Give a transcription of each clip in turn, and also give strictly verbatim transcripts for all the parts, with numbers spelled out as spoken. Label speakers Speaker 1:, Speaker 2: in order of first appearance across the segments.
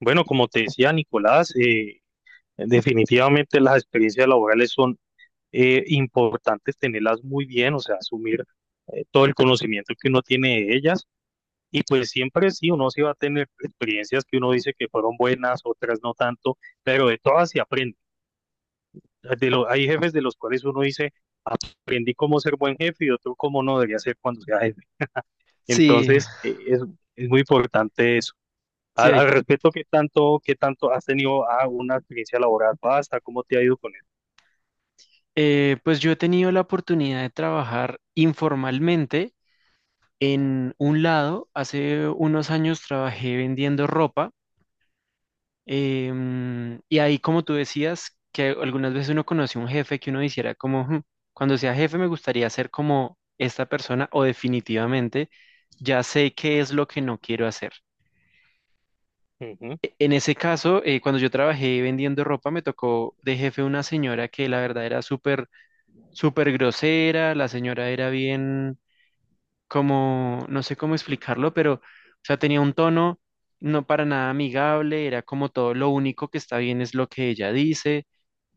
Speaker 1: Bueno, como te decía Nicolás, eh, definitivamente las experiencias laborales son eh, importantes tenerlas muy bien, o sea, asumir eh, todo el conocimiento que uno tiene de ellas. Y pues siempre sí, uno sí va a tener experiencias que uno dice que fueron buenas, otras no tanto, pero de todas se aprende. De lo- hay jefes de los cuales uno dice, aprendí cómo ser buen jefe y otro cómo no debería ser cuando sea jefe.
Speaker 2: Sí,
Speaker 1: Entonces, eh, es, es muy importante eso.
Speaker 2: sí
Speaker 1: Al,
Speaker 2: hay.
Speaker 1: al respecto, ¿qué tanto, ¿qué tanto has tenido ah, una experiencia laboral vasta? ¿Cómo te ha ido con eso?
Speaker 2: Eh, pues yo he tenido la oportunidad de trabajar informalmente en un lado. Hace unos años trabajé vendiendo ropa em, y ahí, como tú decías, que algunas veces uno conoce un jefe que uno hiciera como, "Hmm, cuando sea jefe me gustaría ser como esta persona o definitivamente ya sé qué es lo que no quiero hacer."
Speaker 1: Ujú.
Speaker 2: E- En ese caso, eh, cuando yo trabajé vendiendo ropa, me tocó de jefe una señora que la verdad era súper súper grosera. La señora era bien, como, no sé cómo explicarlo, pero, o sea, tenía un tono no para nada amigable, era como todo, lo único que está bien es lo que ella dice.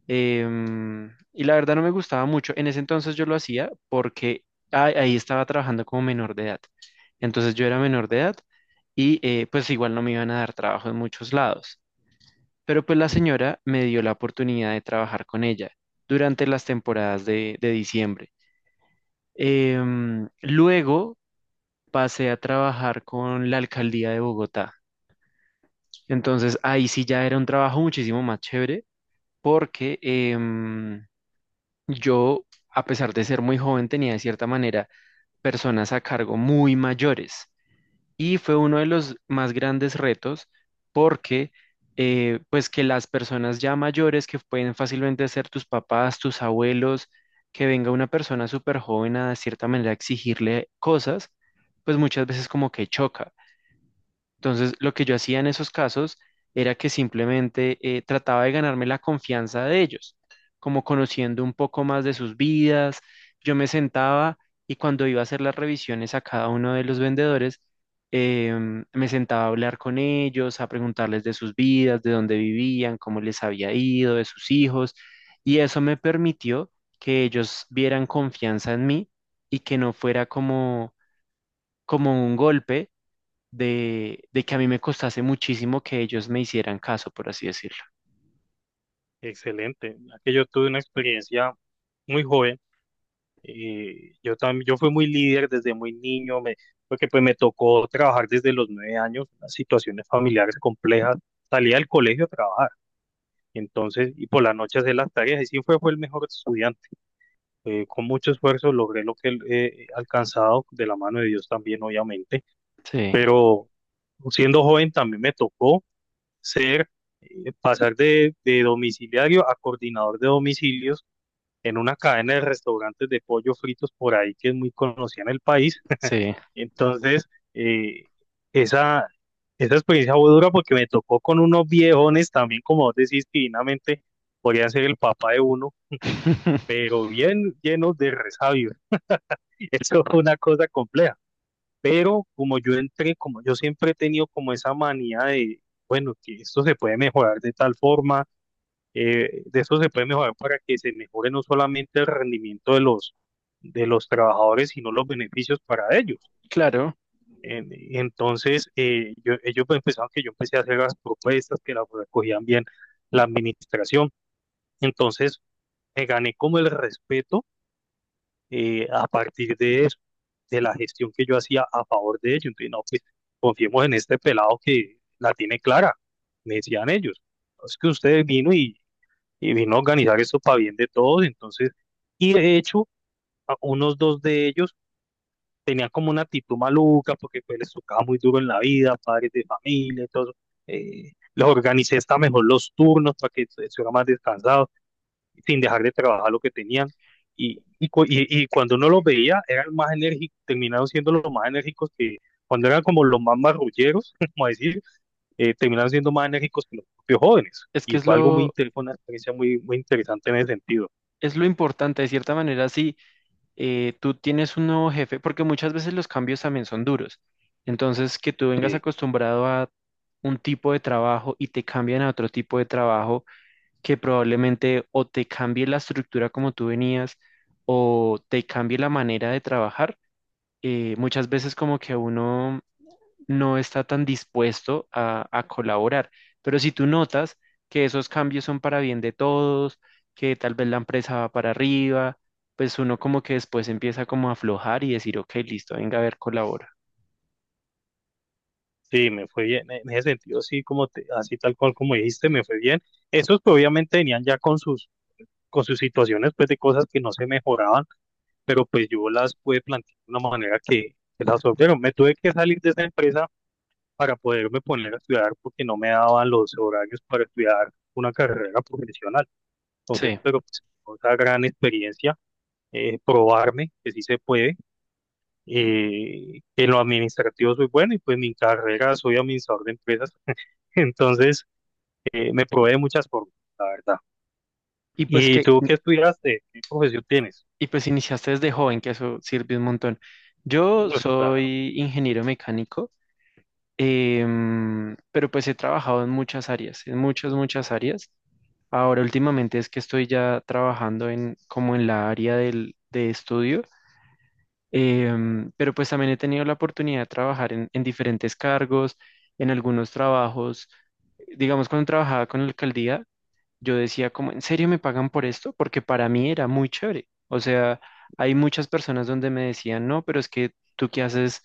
Speaker 2: em, Y la verdad no me gustaba mucho. En ese entonces yo lo hacía porque a- ahí estaba trabajando como menor de edad, entonces yo era menor de edad y eh, pues igual no me iban a dar trabajo en muchos lados, pero pues la
Speaker 1: Mm.
Speaker 2: señora me dio la oportunidad de trabajar con ella durante las temporadas de de diciembre. Em, luego pasé a trabajar con la alcaldía de Bogotá. Entonces ahí sí ya era un trabajo muchísimo más chévere porque em, yo, a pesar de ser muy joven, tenía de cierta manera personas a cargo muy mayores. Y fue uno de los más grandes retos porque, eh, pues que las personas ya mayores, que pueden fácilmente ser tus papás, tus abuelos, que venga una persona súper joven a de cierta manera exigirle cosas, pues muchas veces como que choca. Entonces, lo que yo hacía en esos casos era que simplemente eh, trataba de ganarme la confianza de ellos, como conociendo un poco más de sus vidas. Yo me sentaba y cuando iba a hacer las revisiones a cada uno de los vendedores, em, me sentaba a hablar con ellos, a preguntarles de sus vidas, de dónde vivían, cómo les había ido, de sus hijos. Y eso me permitió que ellos vieran confianza en mí y que no fuera como, como un golpe de, de que a mí me costase muchísimo que ellos me hicieran caso, por así decirlo.
Speaker 1: Excelente. Aquí yo tuve una experiencia muy joven. Eh, yo también, yo fui muy líder desde muy niño, me- porque pues me tocó trabajar desde los nueve años, unas situaciones familiares complejas. Salía del colegio a trabajar, entonces, y por las noches de las tareas, y sí fue, fue el mejor estudiante. Eh, con mucho esfuerzo logré lo que eh, he alcanzado, de la mano de Dios también, obviamente,
Speaker 2: Sí,
Speaker 1: pero siendo joven también me tocó ser, eh, pasar de, de domiciliario a coordinador de domicilios en una cadena de restaurantes de pollo fritos por ahí que es muy conocida en el país.
Speaker 2: sí.
Speaker 1: Entonces, eh, esa, esa experiencia fue dura porque me tocó con unos viejones también, como vos decís, que divinamente podrían ser el papá de uno, pero bien llenos de resabios. Eso fue una cosa compleja. Pero como yo entré, como yo siempre he tenido como esa manía de, bueno, que esto se puede mejorar de tal forma, eh, de eso se puede mejorar para que se mejore no solamente el rendimiento de los, de los trabajadores, sino los beneficios para ellos.
Speaker 2: Claro,
Speaker 1: En- Entonces, eh, yo- ellos pues, empezaron que yo empecé a hacer las propuestas, que las recogían bien la administración. Entonces, me gané como el respeto eh, a partir de eso, de la gestión que yo hacía a favor de ellos. Entonces, no, pues confiemos en este pelado que la tiene clara, me decían ellos. Es que usted vino y, y vino a organizar esto para bien de todos, entonces, y de hecho, a unos dos de ellos tenían como una actitud maluca porque pues les tocaba muy duro en la vida, padres de familia, y todo eso. Eh, les organicé hasta mejor los turnos para que estuvieran más descansados sin dejar de trabajar lo que tenían. Y, y, cu- y- y cuando uno los veía, eran más enérgicos, terminaron siendo los más enérgicos que cuando eran como los más marrulleros, como decir, eh, terminaron siendo más enérgicos que los propios jóvenes.
Speaker 2: es que
Speaker 1: Y
Speaker 2: es
Speaker 1: fue algo muy
Speaker 2: lo,
Speaker 1: interesante, una experiencia muy, muy interesante en ese sentido.
Speaker 2: es lo importante, de cierta manera, si eh, tú tienes un nuevo jefe, porque muchas veces los cambios también son duros. Entonces, que tú vengas
Speaker 1: Sí,
Speaker 2: acostumbrado a un tipo de trabajo y te cambian a otro tipo de trabajo, que probablemente o te cambie la estructura como tú venías o te cambie la manera de trabajar, eh, muchas veces como que uno no está tan dispuesto a, a colaborar. Pero si tú notas que esos cambios son para bien de todos, que tal vez la empresa va para arriba, pues uno como que después empieza como a aflojar y decir, ok, listo, venga a ver, colabora.
Speaker 1: sí, me fue bien. En ese sentido, sí, como te- así tal cual como dijiste, me fue bien. Esos pues, obviamente venían ya con sus, con sus situaciones, pues de cosas que no se mejoraban, pero pues yo las pude plantear de una manera que, que las solvieron. Me tuve que salir de esa empresa para poderme poner a estudiar porque no me daban los horarios para estudiar una carrera profesional. Entonces,
Speaker 2: Sí.
Speaker 1: pero pues, otra gran experiencia, eh, probarme que sí se puede. Eh, en lo administrativo soy bueno y pues mi carrera soy administrador de empresas. Entonces, eh, me probé de muchas formas, la verdad.
Speaker 2: Y pues
Speaker 1: ¿Y
Speaker 2: que,
Speaker 1: tú qué estudiaste? ¿Qué profesión tienes?
Speaker 2: y pues iniciaste desde joven, que eso sirve un montón. Yo
Speaker 1: Uf, claro,
Speaker 2: soy ingeniero mecánico. Em, pero pues he trabajado en muchas áreas, en muchas, muchas áreas. Ahora últimamente es que estoy ya trabajando en como en la área del, de estudio, em, pero pues también he tenido la oportunidad de trabajar en, en diferentes cargos, en algunos trabajos, digamos cuando trabajaba con la alcaldía, yo decía como, ¿en serio me pagan por esto? Porque para mí era muy chévere. O sea, hay muchas personas donde me decían, no, pero es que tú qué haces.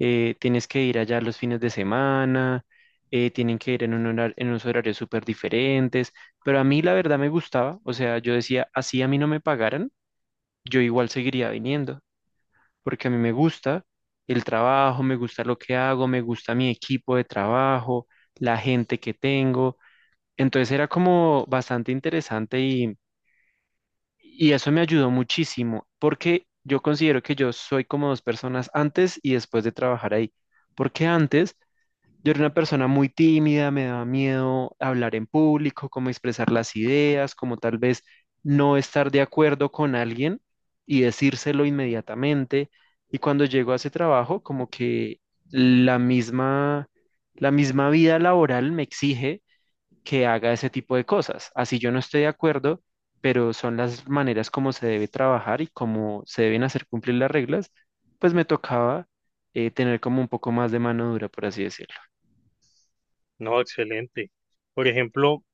Speaker 2: Eh, tienes que ir allá los fines de semana, eh, tienen que ir en un horar- en unos horarios súper diferentes, pero a mí la verdad me gustaba. O sea, yo decía, así a mí no me pagaran, yo igual seguiría viniendo, porque a mí me gusta el trabajo, me gusta lo que hago, me gusta mi equipo de trabajo, la gente que tengo. Entonces era como bastante interesante y, y eso me ayudó muchísimo porque yo considero que yo soy como dos personas antes y después de trabajar ahí. Porque antes yo era una persona muy tímida, me daba miedo hablar en público, cómo expresar las ideas, como tal vez no estar de acuerdo con alguien y decírselo inmediatamente. Y cuando llego a ese trabajo, como que la misma, la misma vida laboral me exige que haga ese tipo de cosas. Así yo no estoy de acuerdo, pero son las maneras como se debe trabajar y cómo se deben hacer cumplir las reglas, pues me tocaba eh, tener como un poco más de mano dura, por así decirlo.
Speaker 1: no, excelente. Por ejemplo,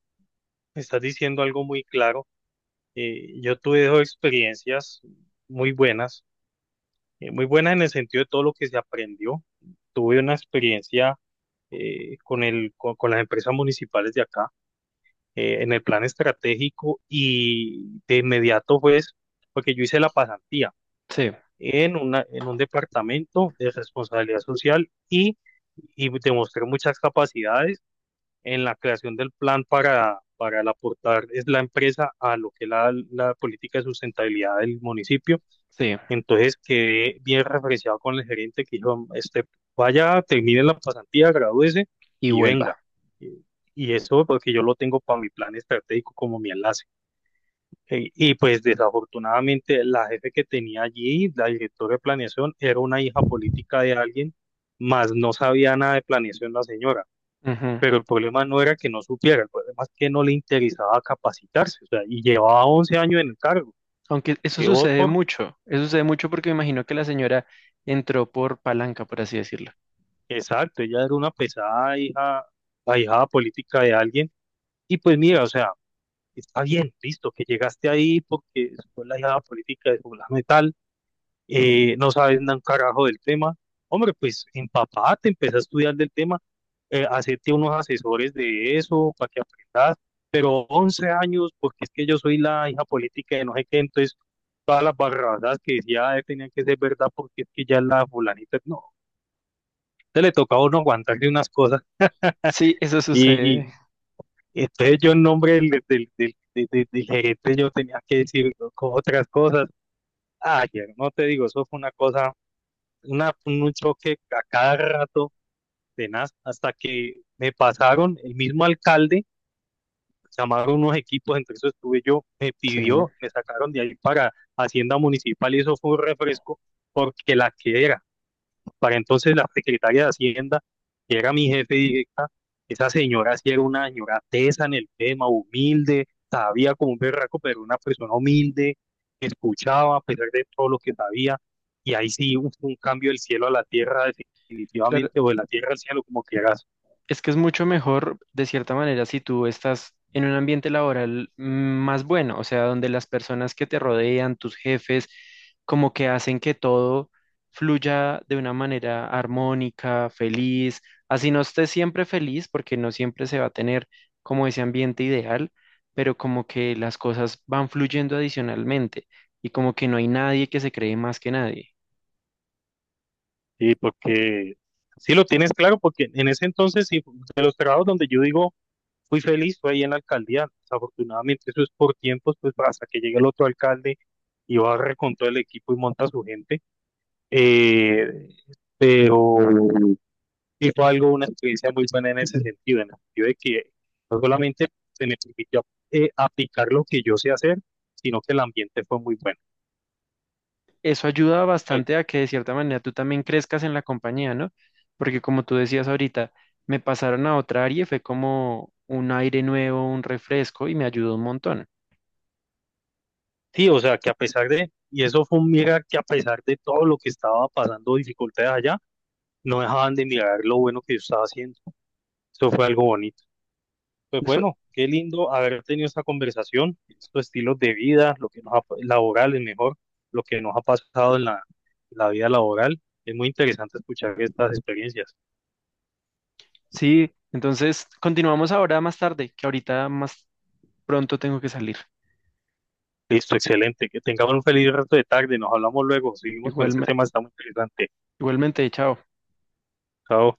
Speaker 1: estás diciendo algo muy claro. Eh, yo tuve dos experiencias muy buenas, eh, muy buenas en el sentido de todo lo que se aprendió. Tuve una experiencia eh, con el, con, con las empresas municipales de acá, eh, en el plan estratégico y de inmediato pues, porque yo hice la pasantía
Speaker 2: Sí,
Speaker 1: en una, en un departamento de responsabilidad social y, y demostré muchas capacidades en la creación del plan para, para el aportar es la empresa a lo que es la, la política de sustentabilidad del municipio,
Speaker 2: sí,
Speaker 1: entonces quedé bien referenciado con el gerente que dijo, este, vaya, termine la pasantía, gradúese
Speaker 2: y
Speaker 1: y venga.
Speaker 2: vuelva.
Speaker 1: Y, y eso porque yo lo tengo para mi plan estratégico como mi enlace. Eh, y pues desafortunadamente la jefe que tenía allí, la directora de planeación, era una hija política de alguien, más no sabía nada de planeación la señora.
Speaker 2: Ujú.
Speaker 1: Pero el problema no era que no supiera, el problema es que no le interesaba capacitarse, o sea, y llevaba once años en el cargo.
Speaker 2: Aunque eso
Speaker 1: Llevó
Speaker 2: sucede
Speaker 1: por
Speaker 2: mucho, eso sucede mucho porque me imagino que la señora entró por palanca, por así decirlo.
Speaker 1: Exacto, ella era una pesada hija, ahijada política de alguien. Y pues mira, o sea, está bien, listo, que llegaste ahí porque fue la hijada política de fulano y tal, eh, no sabes nada un carajo del tema. Hombre, pues empapate, empecé a estudiar del tema, eh, hacerte unos asesores de eso para que aprendas. Pero once años, porque es que yo soy la hija política de no sé qué, entonces todas las barradas que decía eh, tenían que ser verdad porque es que ya la fulanita, no, te le tocaba a uno aguantarle unas cosas.
Speaker 2: Sí, eso
Speaker 1: Y,
Speaker 2: sucede.
Speaker 1: y entonces yo en nombre del, del, del, del- del del gerente yo tenía que decir co- otras cosas. Ayer, no te digo, eso fue una cosa, una, un choque a cada rato, tenaz, hasta que me pasaron el mismo alcalde, llamaron unos equipos, entre eso estuve yo, me
Speaker 2: Sí,
Speaker 1: pidió, me sacaron de ahí para Hacienda Municipal y eso fue un refresco porque la que era. Para entonces la secretaria de Hacienda, que era mi jefe directa, esa señora sí era una señora tesa en el tema, humilde, sabía como un berraco, pero una persona humilde, que escuchaba a pesar de todo lo que sabía, y ahí sí hubo un cambio del cielo a la tierra
Speaker 2: claro.
Speaker 1: definitivamente, o de la tierra al cielo, como quieras.
Speaker 2: Es que es mucho mejor, de cierta manera, si tú estás en un ambiente laboral mm, más bueno, o sea, donde las personas que te rodean, tus jefes, como que hacen que todo fluya de una manera armónica, feliz, así no estés siempre feliz, porque no siempre se va a tener como ese ambiente ideal, pero como que las cosas van fluyendo adicionalmente y como que no hay nadie que se cree más que nadie.
Speaker 1: Sí, porque sí lo tienes claro, porque en ese entonces, sí, de los trabajos donde yo digo, fui feliz, fue ahí en la alcaldía. Desafortunadamente eso es por tiempos, pues hasta que llegue el otro alcalde y barre con todo el equipo y monta su gente. Eh, pero sí fue algo, una experiencia muy buena en ese sentido, en el sentido de que no solamente se me permitió eh, aplicar lo que yo sé hacer, sino que el ambiente fue muy bueno.
Speaker 2: Eso ayuda
Speaker 1: Pues,
Speaker 2: bastante a que de cierta manera tú también crezcas en la compañía, ¿no? Porque como tú decías ahorita, me pasaron a otra área y fue como un aire nuevo, un refresco y me ayudó un montón.
Speaker 1: sí, o sea, que a pesar de, y eso fue un mirar que a pesar de todo lo que estaba pasando, dificultades allá, no dejaban de mirar lo bueno que yo estaba haciendo. Eso fue algo bonito. Pues
Speaker 2: Eso,
Speaker 1: bueno, qué lindo haber tenido esta conversación, estos estilos de vida, lo que nos ha, laboral es mejor, lo que nos ha pasado en la, en la vida laboral. Es muy interesante escuchar estas experiencias.
Speaker 2: sí, entonces continuamos ahora más tarde, que ahorita más pronto tengo que salir.
Speaker 1: Listo, excelente. Que tengamos un feliz resto de tarde. Nos hablamos luego. Seguimos con
Speaker 2: Igual,
Speaker 1: este tema, está muy interesante.
Speaker 2: Igualmente, chao.
Speaker 1: Chao.